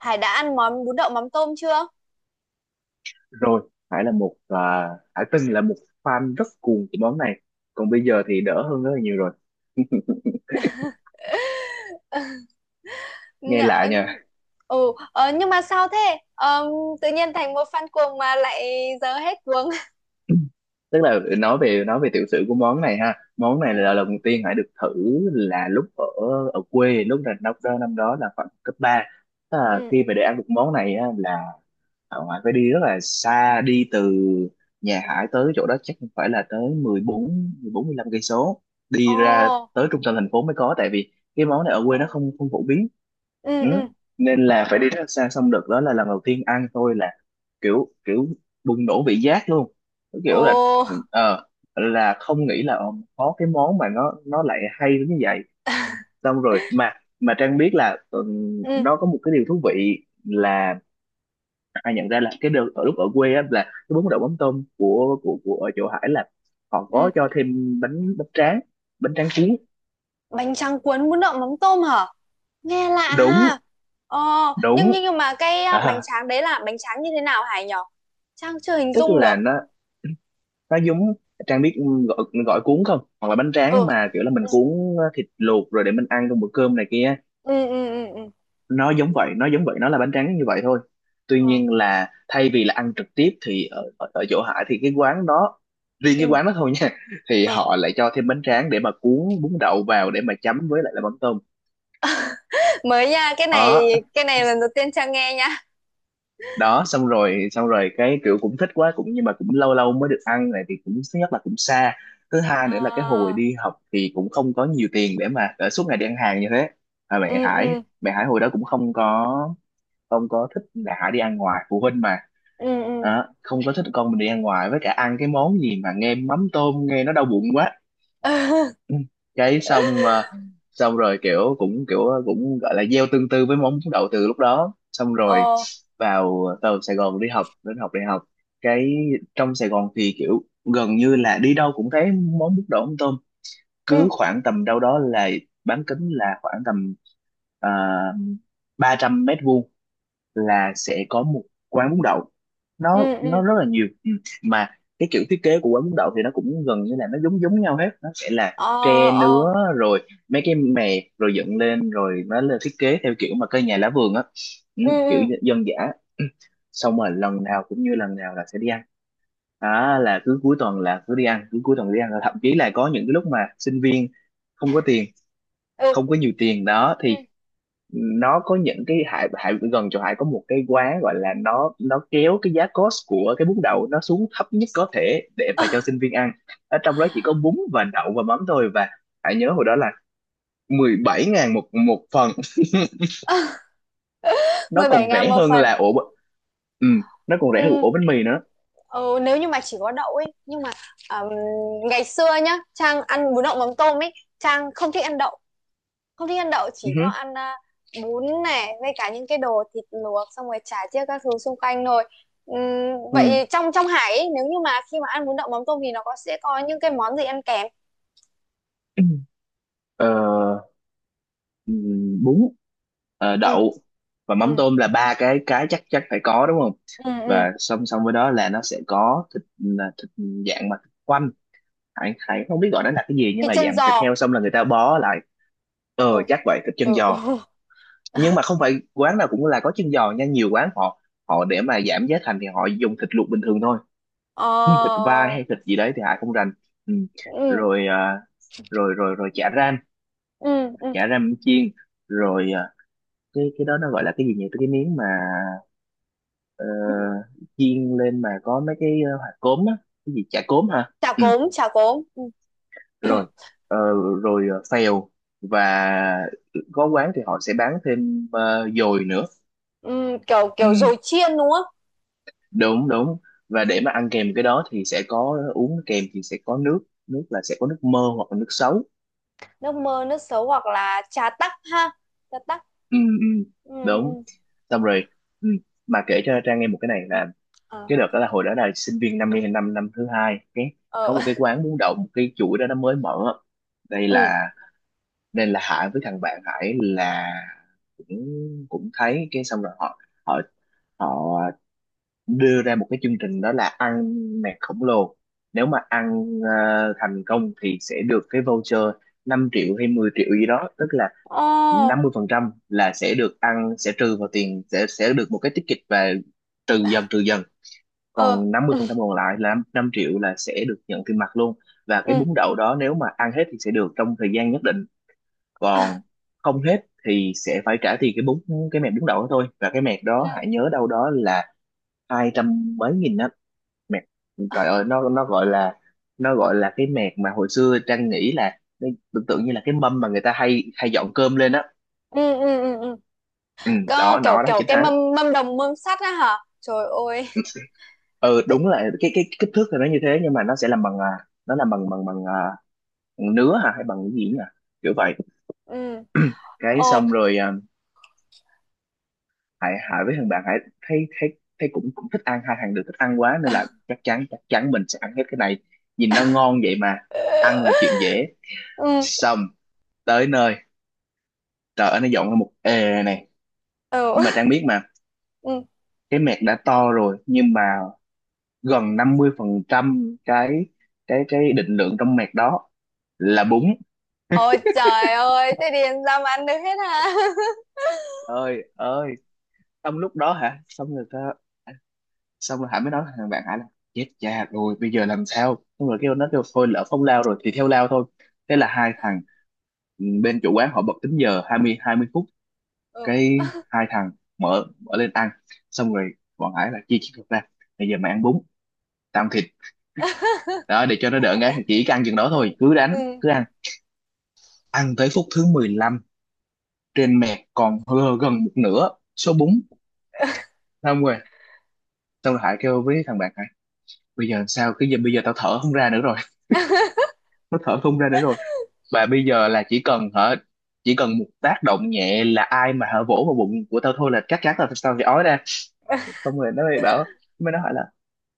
Hải đã ăn món bún đậu mắm tôm chưa? Rồi Hải từng là một fan rất cuồng của món này, còn bây giờ thì đỡ hơn rất là nhiều rồi. Nghe Dạ, lạ nha. ừ, nhưng mà sao thế? Ờ, tự nhiên thành một fan cuồng mà lại giờ hết cuồng. Tức là nói về tiểu sử của món này ha, món này Ừ, là lần đầu tiên Hải được thử là lúc ở ở quê, lúc là năm đó là khoảng cấp ba. Tức là ừ, ừ. khi mà để ăn được món này á, là ở ngoài phải đi rất là xa, đi từ nhà Hải tới chỗ đó chắc cũng phải là tới mười mười bốn mười bốn 14 lăm cây số, Ồ, đi ra tới trung tâm thành phố mới có, tại vì cái món này ở quê nó không không phổ biến. ừ, Ừ. ừ. Nên là phải đi rất là xa, xong đợt đó là lần đầu tiên ăn tôi là kiểu kiểu bùng nổ vị giác luôn. Cái Ồ, kiểu là ờ không nghĩ là có cái món mà nó lại hay đến như vậy, xong rồi mà Trang biết là ừ, ừ, nó có một cái điều thú vị là ai nhận ra là cái đợt ở lúc ở quê á, là cái bún đậu mắm tôm của ở chỗ Hải là họ ừ. có cho thêm bánh bánh tráng, bánh tráng cuốn. Bánh tráng cuốn bún đậu mắm tôm hả? Nghe lạ ha. Đúng, Ồ, nhưng, đúng, nhưng, nhưng mà cái bánh à, tráng đấy là bánh tráng như thế nào Hải nhỉ? Trang chưa hình tức dung là được. Nó giống, Trang biết, gọi gọi cuốn không, hoặc là bánh tráng Ừ, mà kiểu là mình ừ, cuốn ờ, thịt luộc rồi để mình ăn trong bữa cơm này kia, ừ, ừ, ừ, ừ. nó giống vậy nó là bánh tráng như vậy thôi. Tuy Ờ, nhiên là thay vì là ăn trực tiếp thì ở chỗ Hải thì cái quán đó, riêng cái ừ, quán đó thôi nha, thì ờ. họ lại cho thêm bánh tráng để mà cuốn bún đậu vào để mà chấm với lại là mắm tôm. Mới nha, cái này Đó, cái này lần đầu tiên Trang nghe nha. đó, xong rồi, cái kiểu cũng thích quá cũng, nhưng mà cũng lâu lâu mới được ăn này, thì cũng thứ nhất là cũng xa, thứ hai nữa là cái hồi Ờ, đi học thì cũng không có nhiều tiền để mà để suốt ngày đi ăn hàng như thế. À, mẹ ừ, Hải ừ, mẹ Hải hồi đó cũng không có thích mẹ Hải đi ăn ngoài, phụ huynh mà. ừ, Đó, không có thích con mình đi ăn ngoài, với cả ăn cái món gì mà nghe mắm tôm nghe nó đau bụng quá. ừ, Ừ. Cái xong mà, xong rồi kiểu cũng gọi là gieo tương tư với món đậu từ lúc đó. Xong rồi ờ, vào vào Sài Gòn đi học, đến học đại học, cái trong Sài Gòn thì kiểu gần như là đi đâu cũng thấy món bún đậu mắm tôm, cứ ừ, khoảng tầm đâu đó là bán kính là khoảng tầm uh, 300 mét vuông là sẽ có một quán bún đậu. ừ, nó ừ, nó rất là nhiều. Ừ. Mà cái kiểu thiết kế của quán bún đậu thì nó cũng gần như là nó giống giống nhau hết. Nó sẽ là ờ, tre ờ, nứa rồi mấy cái mè rồi dựng lên, rồi nó lên thiết kế theo kiểu mà cây nhà lá vườn á, ừ, ừ, kiểu dân dã. Ừ. Xong rồi lần nào cũng như lần nào là sẽ đi ăn. Đó là cứ cuối tuần là cứ đi ăn, cứ cuối tuần đi ăn, thậm chí là có những cái lúc mà sinh viên không có tiền, ừ, ừ, không có nhiều tiền đó ừ, thì nó có những cái, Hải Hải gần chỗ Hải có một cái quán gọi là, nó kéo cái giá cost của cái bún đậu nó xuống thấp nhất có thể để mà cho sinh viên ăn, ở trong đó chỉ có bún và đậu và mắm thôi. Và Hải nhớ hồi đó là 17.000 một một phần, nó mười bảy còn ngàn rẻ một hơn phần, là ổ b-, ừ, nó còn rẻ hơn ừ, ổ bánh mì nữa. ừ, nếu như mà chỉ có đậu ấy nhưng mà ừm, ngày xưa nhá Trang ăn bún đậu mắm tôm ấy, Trang không thích ăn đậu, không thích ăn đậu, Ừ, chỉ có hứ, ăn bún này với cả những cái đồ thịt luộc xong rồi chả chiếc các thứ xung quanh thôi. Ừ. Vậy trong trong Hải ấy, nếu như mà khi mà ăn bún đậu mắm tôm thì nó có sẽ có những cái món gì ăn kèm? Ờ, bún, ờ, Ừ, đậu và mắm ừ, tôm là ba cái chắc chắc phải có đúng không. ừ, ừ, Và song song với đó là nó sẽ có thịt, là thịt dạng mà thịt quay, Thái Thái không biết gọi nó là cái gì, nhưng thịt mà chân dạng thịt giò, heo xong là người ta bó lại, ờ ừ, chắc vậy, thịt chân ừ, ừ, giò. Nhưng mà không phải quán nào cũng là có chân giò nha, nhiều quán họ, để mà giảm giá thành thì họ dùng thịt luộc bình thường thôi. Ừ, thịt ờ, vai hay thịt gì đấy thì Hải không rành. Ừ. ừ, Rồi à, rồi rồi rồi chả ram, ừ, ừ, chả ram chiên. Rồi à, cái đó nó gọi là cái gì nhỉ, cái miếng mà ờ, chiên lên mà có mấy cái ờ, hạt cốm á, cái gì, chả cốm hả. chả Ừ. cốm chả cốm, ừ. Rồi ờ, rồi ờ, phèo, và có quán thì họ sẽ bán thêm ờ, dồi nữa. Ừ, kiểu kiểu Ừ, dồi chiên đúng không? đúng đúng, và để mà ăn kèm cái đó thì sẽ có, uống kèm thì sẽ có nước, nước là sẽ có nước mơ hoặc là nước sấu. Nước mơ nước sấu hoặc là trà tắc ha, trà tắc. Ừ, ừ, Ừ, đúng. Xong rồi, ừ. Mà kể cho Trang nghe một cái này là ừ, cái đợt đó là hồi đó là sinh viên năm nay, năm năm thứ hai, cái ừ, ờ, có ờ, một cái quán bún đậu, một cái chuỗi đó nó mới mở, đây là, nên là Hải với thằng bạn Hải là cũng, cũng thấy, cái xong rồi họ họ họ đưa ra một cái chương trình, đó là ăn mẹt khổng lồ, nếu mà ăn ờ, thành công thì sẽ được cái voucher 5.000.000 hay 10.000.000 gì đó, tức là 50% là sẽ được ăn, sẽ trừ vào tiền, sẽ được một cái ticket, và trừ dần, trừ dần, còn 50% còn lại là 5.000.000 là sẽ được nhận tiền mặt luôn. Và cái ừ, bún đậu đó nếu mà ăn hết thì sẽ được, trong thời gian nhất định, ờ, còn không hết thì sẽ phải trả tiền cái bún, cái mẹt bún đậu đó thôi. Và cái mẹt đó ờ, hãy nhớ đâu đó là 200 mấy nghìn á, mẹt trời ơi, nó gọi là, nó gọi là cái mẹt mà hồi xưa Trang nghĩ là nó tưởng tượng như là cái mâm mà người ta hay hay dọn cơm lên á. ừ, ừ, ừ, ừ, ừ, ừ, ừ, ừ. Ừ, Có đó kiểu nó đó kiểu chính cái hắn. mâm mâm đồng mâm sắt á hả trời ơi! Ừ Thế- đúng là cái kích thước thì nó như thế, nhưng mà nó sẽ làm bằng à, nó làm bằng bằng bằng à, nứa hả hay bằng cái gì nhỉ, kiểu vậy. ừ, Cái ồ, xong rồi à, Hải Hải với thằng bạn Hải thấy thấy thấy cũng, cũng thích ăn, hai thằng đều thích ăn quá nên là chắc chắn mình sẽ ăn hết cái này, nhìn nó ngon vậy mà, ăn là chuyện dễ. ừ, Xong tới nơi, trời ơi nó dọn ra một ề này, ừ, nhưng mà Trang biết mà, ừ, cái mẹt đã to rồi, nhưng mà gần 50 phần trăm cái cái định lượng trong mẹt đó là bún. ôi trời ơi, thế thì sao mà ăn được hết hả? Ơi ơi, trong lúc đó hả, xong rồi ta, xong rồi Hải mới nói với thằng bạn Hải là chết cha rồi bây giờ làm sao, xong rồi kêu nó, kêu thôi lỡ không lao rồi thì theo lao thôi. Thế là Ừ, hai thằng, ừ, bên chủ quán họ bật tính giờ 20 phút, ừ. cái hai thằng mở mở lên ăn. Xong rồi bọn Hải là chia chiếc thịt ra, bây giờ mày ăn bún, tao ăn thịt, đó để cho nó đỡ ngán, chỉ ăn chừng đó Ừ, thôi, cứ đánh ừ. cứ ăn. Ăn tới phút thứ 15, trên mẹt còn hơ gần một nửa số bún. Xong rồi, xong rồi Hải kêu với thằng bạn Hải bây giờ làm sao, cái giờ bây giờ tao thở không ra nữa rồi. Nó thở không ra nữa rồi, và bây giờ là chỉ cần hả, chỉ cần một tác động nhẹ là ai mà hả vỗ vào bụng của tao thôi là cắt cắt tao tao sẽ ói ra. Xong rồi nó mới bảo, mới nó hỏi là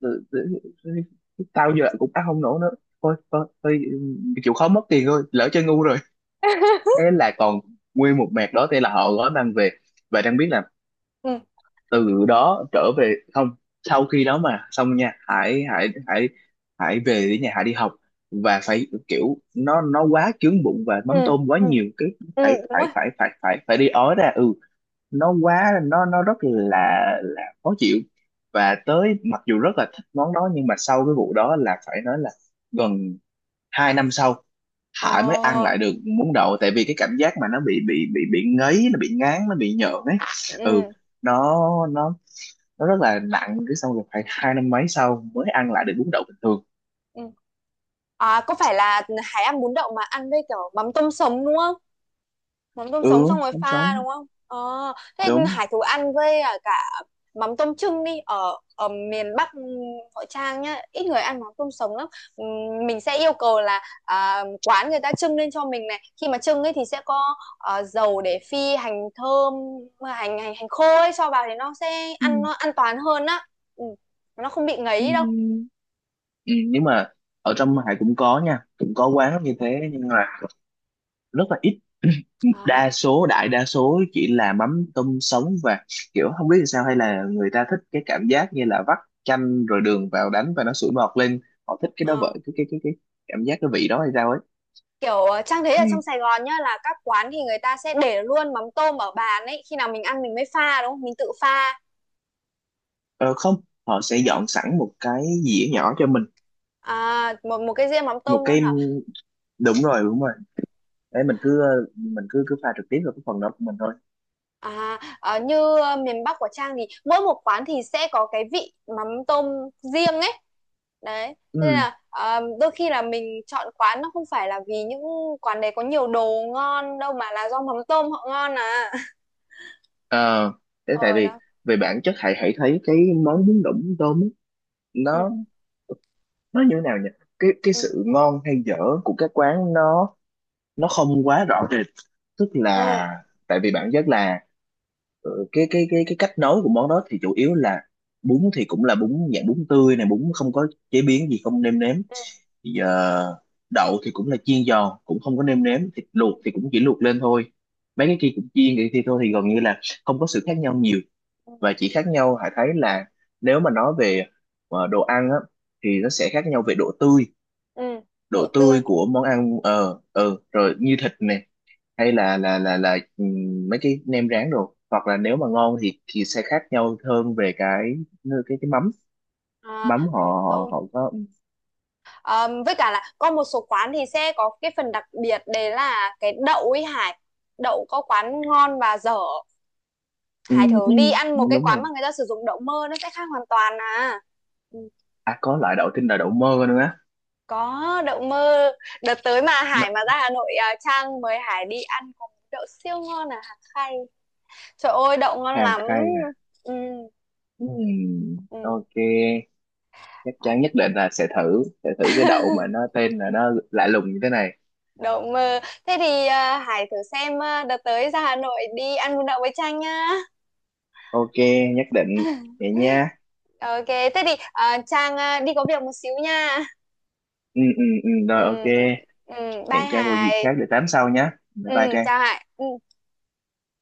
"Ừ, tao giờ cũng ăn không nổi nữa, thôi thôi, chịu khó mất tiền thôi, lỡ chơi ngu rồi." Thế là còn nguyên một mẹt đó, thế là họ gói mang về. Và đang biết là Ừ, từ đó trở về không, sau khi đó mà xong nha, hãy hãy về đến nhà hãy đi học và phải kiểu nó quá chướng bụng và ừ, mắm tôm quá ừ, nhiều, cái ừ, phải đúng phải rồi, phải phải phải phải đi ói ra. Ừ. Nó quá nó rất là khó chịu. Và tới mặc dù rất là thích món đó, nhưng mà sau cái vụ đó là phải nói là gần 2 năm sau Hải mới ăn ờ, lại được bún đậu, tại vì cái cảm giác mà nó bị ngấy, nó bị ngán, nó bị nhợn ấy. Ừ. ừ, nó nó nó rất là nặng, cái xong rồi phải 2 năm mấy sau mới ăn lại được bún đậu bình thường. ừ. À, có phải là hải ăn bún đậu mà ăn với kiểu mắm tôm sống đúng không? Mắm tôm sống xong Ừ, rồi không, pha sống đúng không? Ờ. Thế đúng. hải thú ăn với cả mắm tôm trưng đi ở ở miền Bắc. Hội Trang nhá ít người ăn mắm tôm sống lắm. Ừm, mình sẽ yêu cầu là quán người ta trưng lên cho mình này, khi mà trưng ấy thì sẽ có dầu để phi hành thơm, hành hành hành khô ấy cho vào thì nó sẽ Ừ, ăn nó an toàn hơn á. Ừ, nó không bị ngấy đâu. ừ, ừ. Nhưng mà ở trong Hải cũng có nha, cũng có quán như thế nhưng mà rất là ít. Ờ, Đa số đại đa số chỉ là mắm tôm sống, và kiểu không biết làm sao, hay là người ta thích cái cảm giác như là vắt chanh rồi đường vào đánh và nó sủi bọt lên, họ thích cái đó ờ. vậy, cái cái cảm giác cái vị đó hay sao ấy. Kiểu Trang thấy Ừ. ở trong Sài Gòn nhá là các quán thì người ta sẽ để luôn mắm tôm ở bàn ấy, khi nào mình ăn mình mới pha đúng không, mình tự pha Ờ, không, họ sẽ nhé? dọn sẵn một cái dĩa nhỏ cho mình À, một một cái riêng mắm một tôm luôn cái, hả? đúng rồi, Ừ. đấy mình cứ, mình cứ cứ pha trực tiếp vào cái phần đó của mình thôi. À, như miền Bắc của Trang thì mỗi một quán thì sẽ có cái vị mắm tôm riêng ấy. Đấy, thế nên Ừ, là đôi khi là mình chọn quán nó không phải là vì những quán đấy có nhiều đồ ngon đâu mà là do mắm tôm họ ngon à. ờ, thế tại Ờ vì đó. về bản chất hãy hãy thấy cái món bún đậu mắm tôm ấy, nó Ừ, nó như thế nào nhỉ, cái ừ, sự ngon hay dở của các quán nó không quá rõ rệt, tức ừ, là, tại vì bản chất là ừ, cái cách nấu của món đó thì chủ yếu là bún thì cũng là bún dạng bún tươi này, bún không có chế biến gì, không nêm nếm ừ, thì giờ, đậu thì cũng là chiên giòn cũng không có nêm nếm, thịt ừ, luộc thì cũng chỉ luộc lên thôi, mấy cái kia cũng chiên vậy thì thôi thì gần như là không có sự khác nhau nhiều. ừ, Và chỉ khác nhau Hải thấy là, nếu mà nói về ờ, đồ ăn á, thì nó sẽ khác nhau về độ tươi, ừ. độ Độ tươi. tươi của món ăn, ờ ờ, rồi như thịt nè, hay là là mấy cái nem rán đồ, hoặc là nếu mà ngon thì sẽ khác nhau hơn về cái cái mắm, À, mắm họ mắm họ, tôm. họ có. Ờ, với cả là có một số quán thì sẽ có cái phần đặc biệt đấy là cái đậu ấy Hải. Đậu có quán ngon và dở. Ừ, Hải thử ừ, đi ăn một cái đúng quán rồi. mà người ta sử dụng đậu mơ nó sẽ khác hoàn toàn à. Ừ. À có loại đậu tinh là đậu mơ nữa á. Có đậu mơ. Đợt tới mà Nó Hải mà ra Hà Nội à, Trang mời Hải đi ăn có món đậu siêu ngon à Hà Khay. Trời ơi đậu ngon hàng lắm. cay à. Ừ, ừ. Ok, chắc À, chắn nhất định là sẽ thử cái đậu mà nó tên là nó lạ lùng như thế này. đậu mơ. Thế thì à, Hải thử xem à, đợt tới ra Hà Nội đi ăn bún đậu với Trang nha. Ok, nhất định. Vậy nha. Ok, thế thì à, Trang à, đi có việc một xíu nha. Ừ, ừ, ừ, Ừ, rồi ok. ừ, bye Hẹn Trang vào dịp khác Hải. để tám sau nhé. Bye Ừ, bye Trang. chào Hải. Ừ.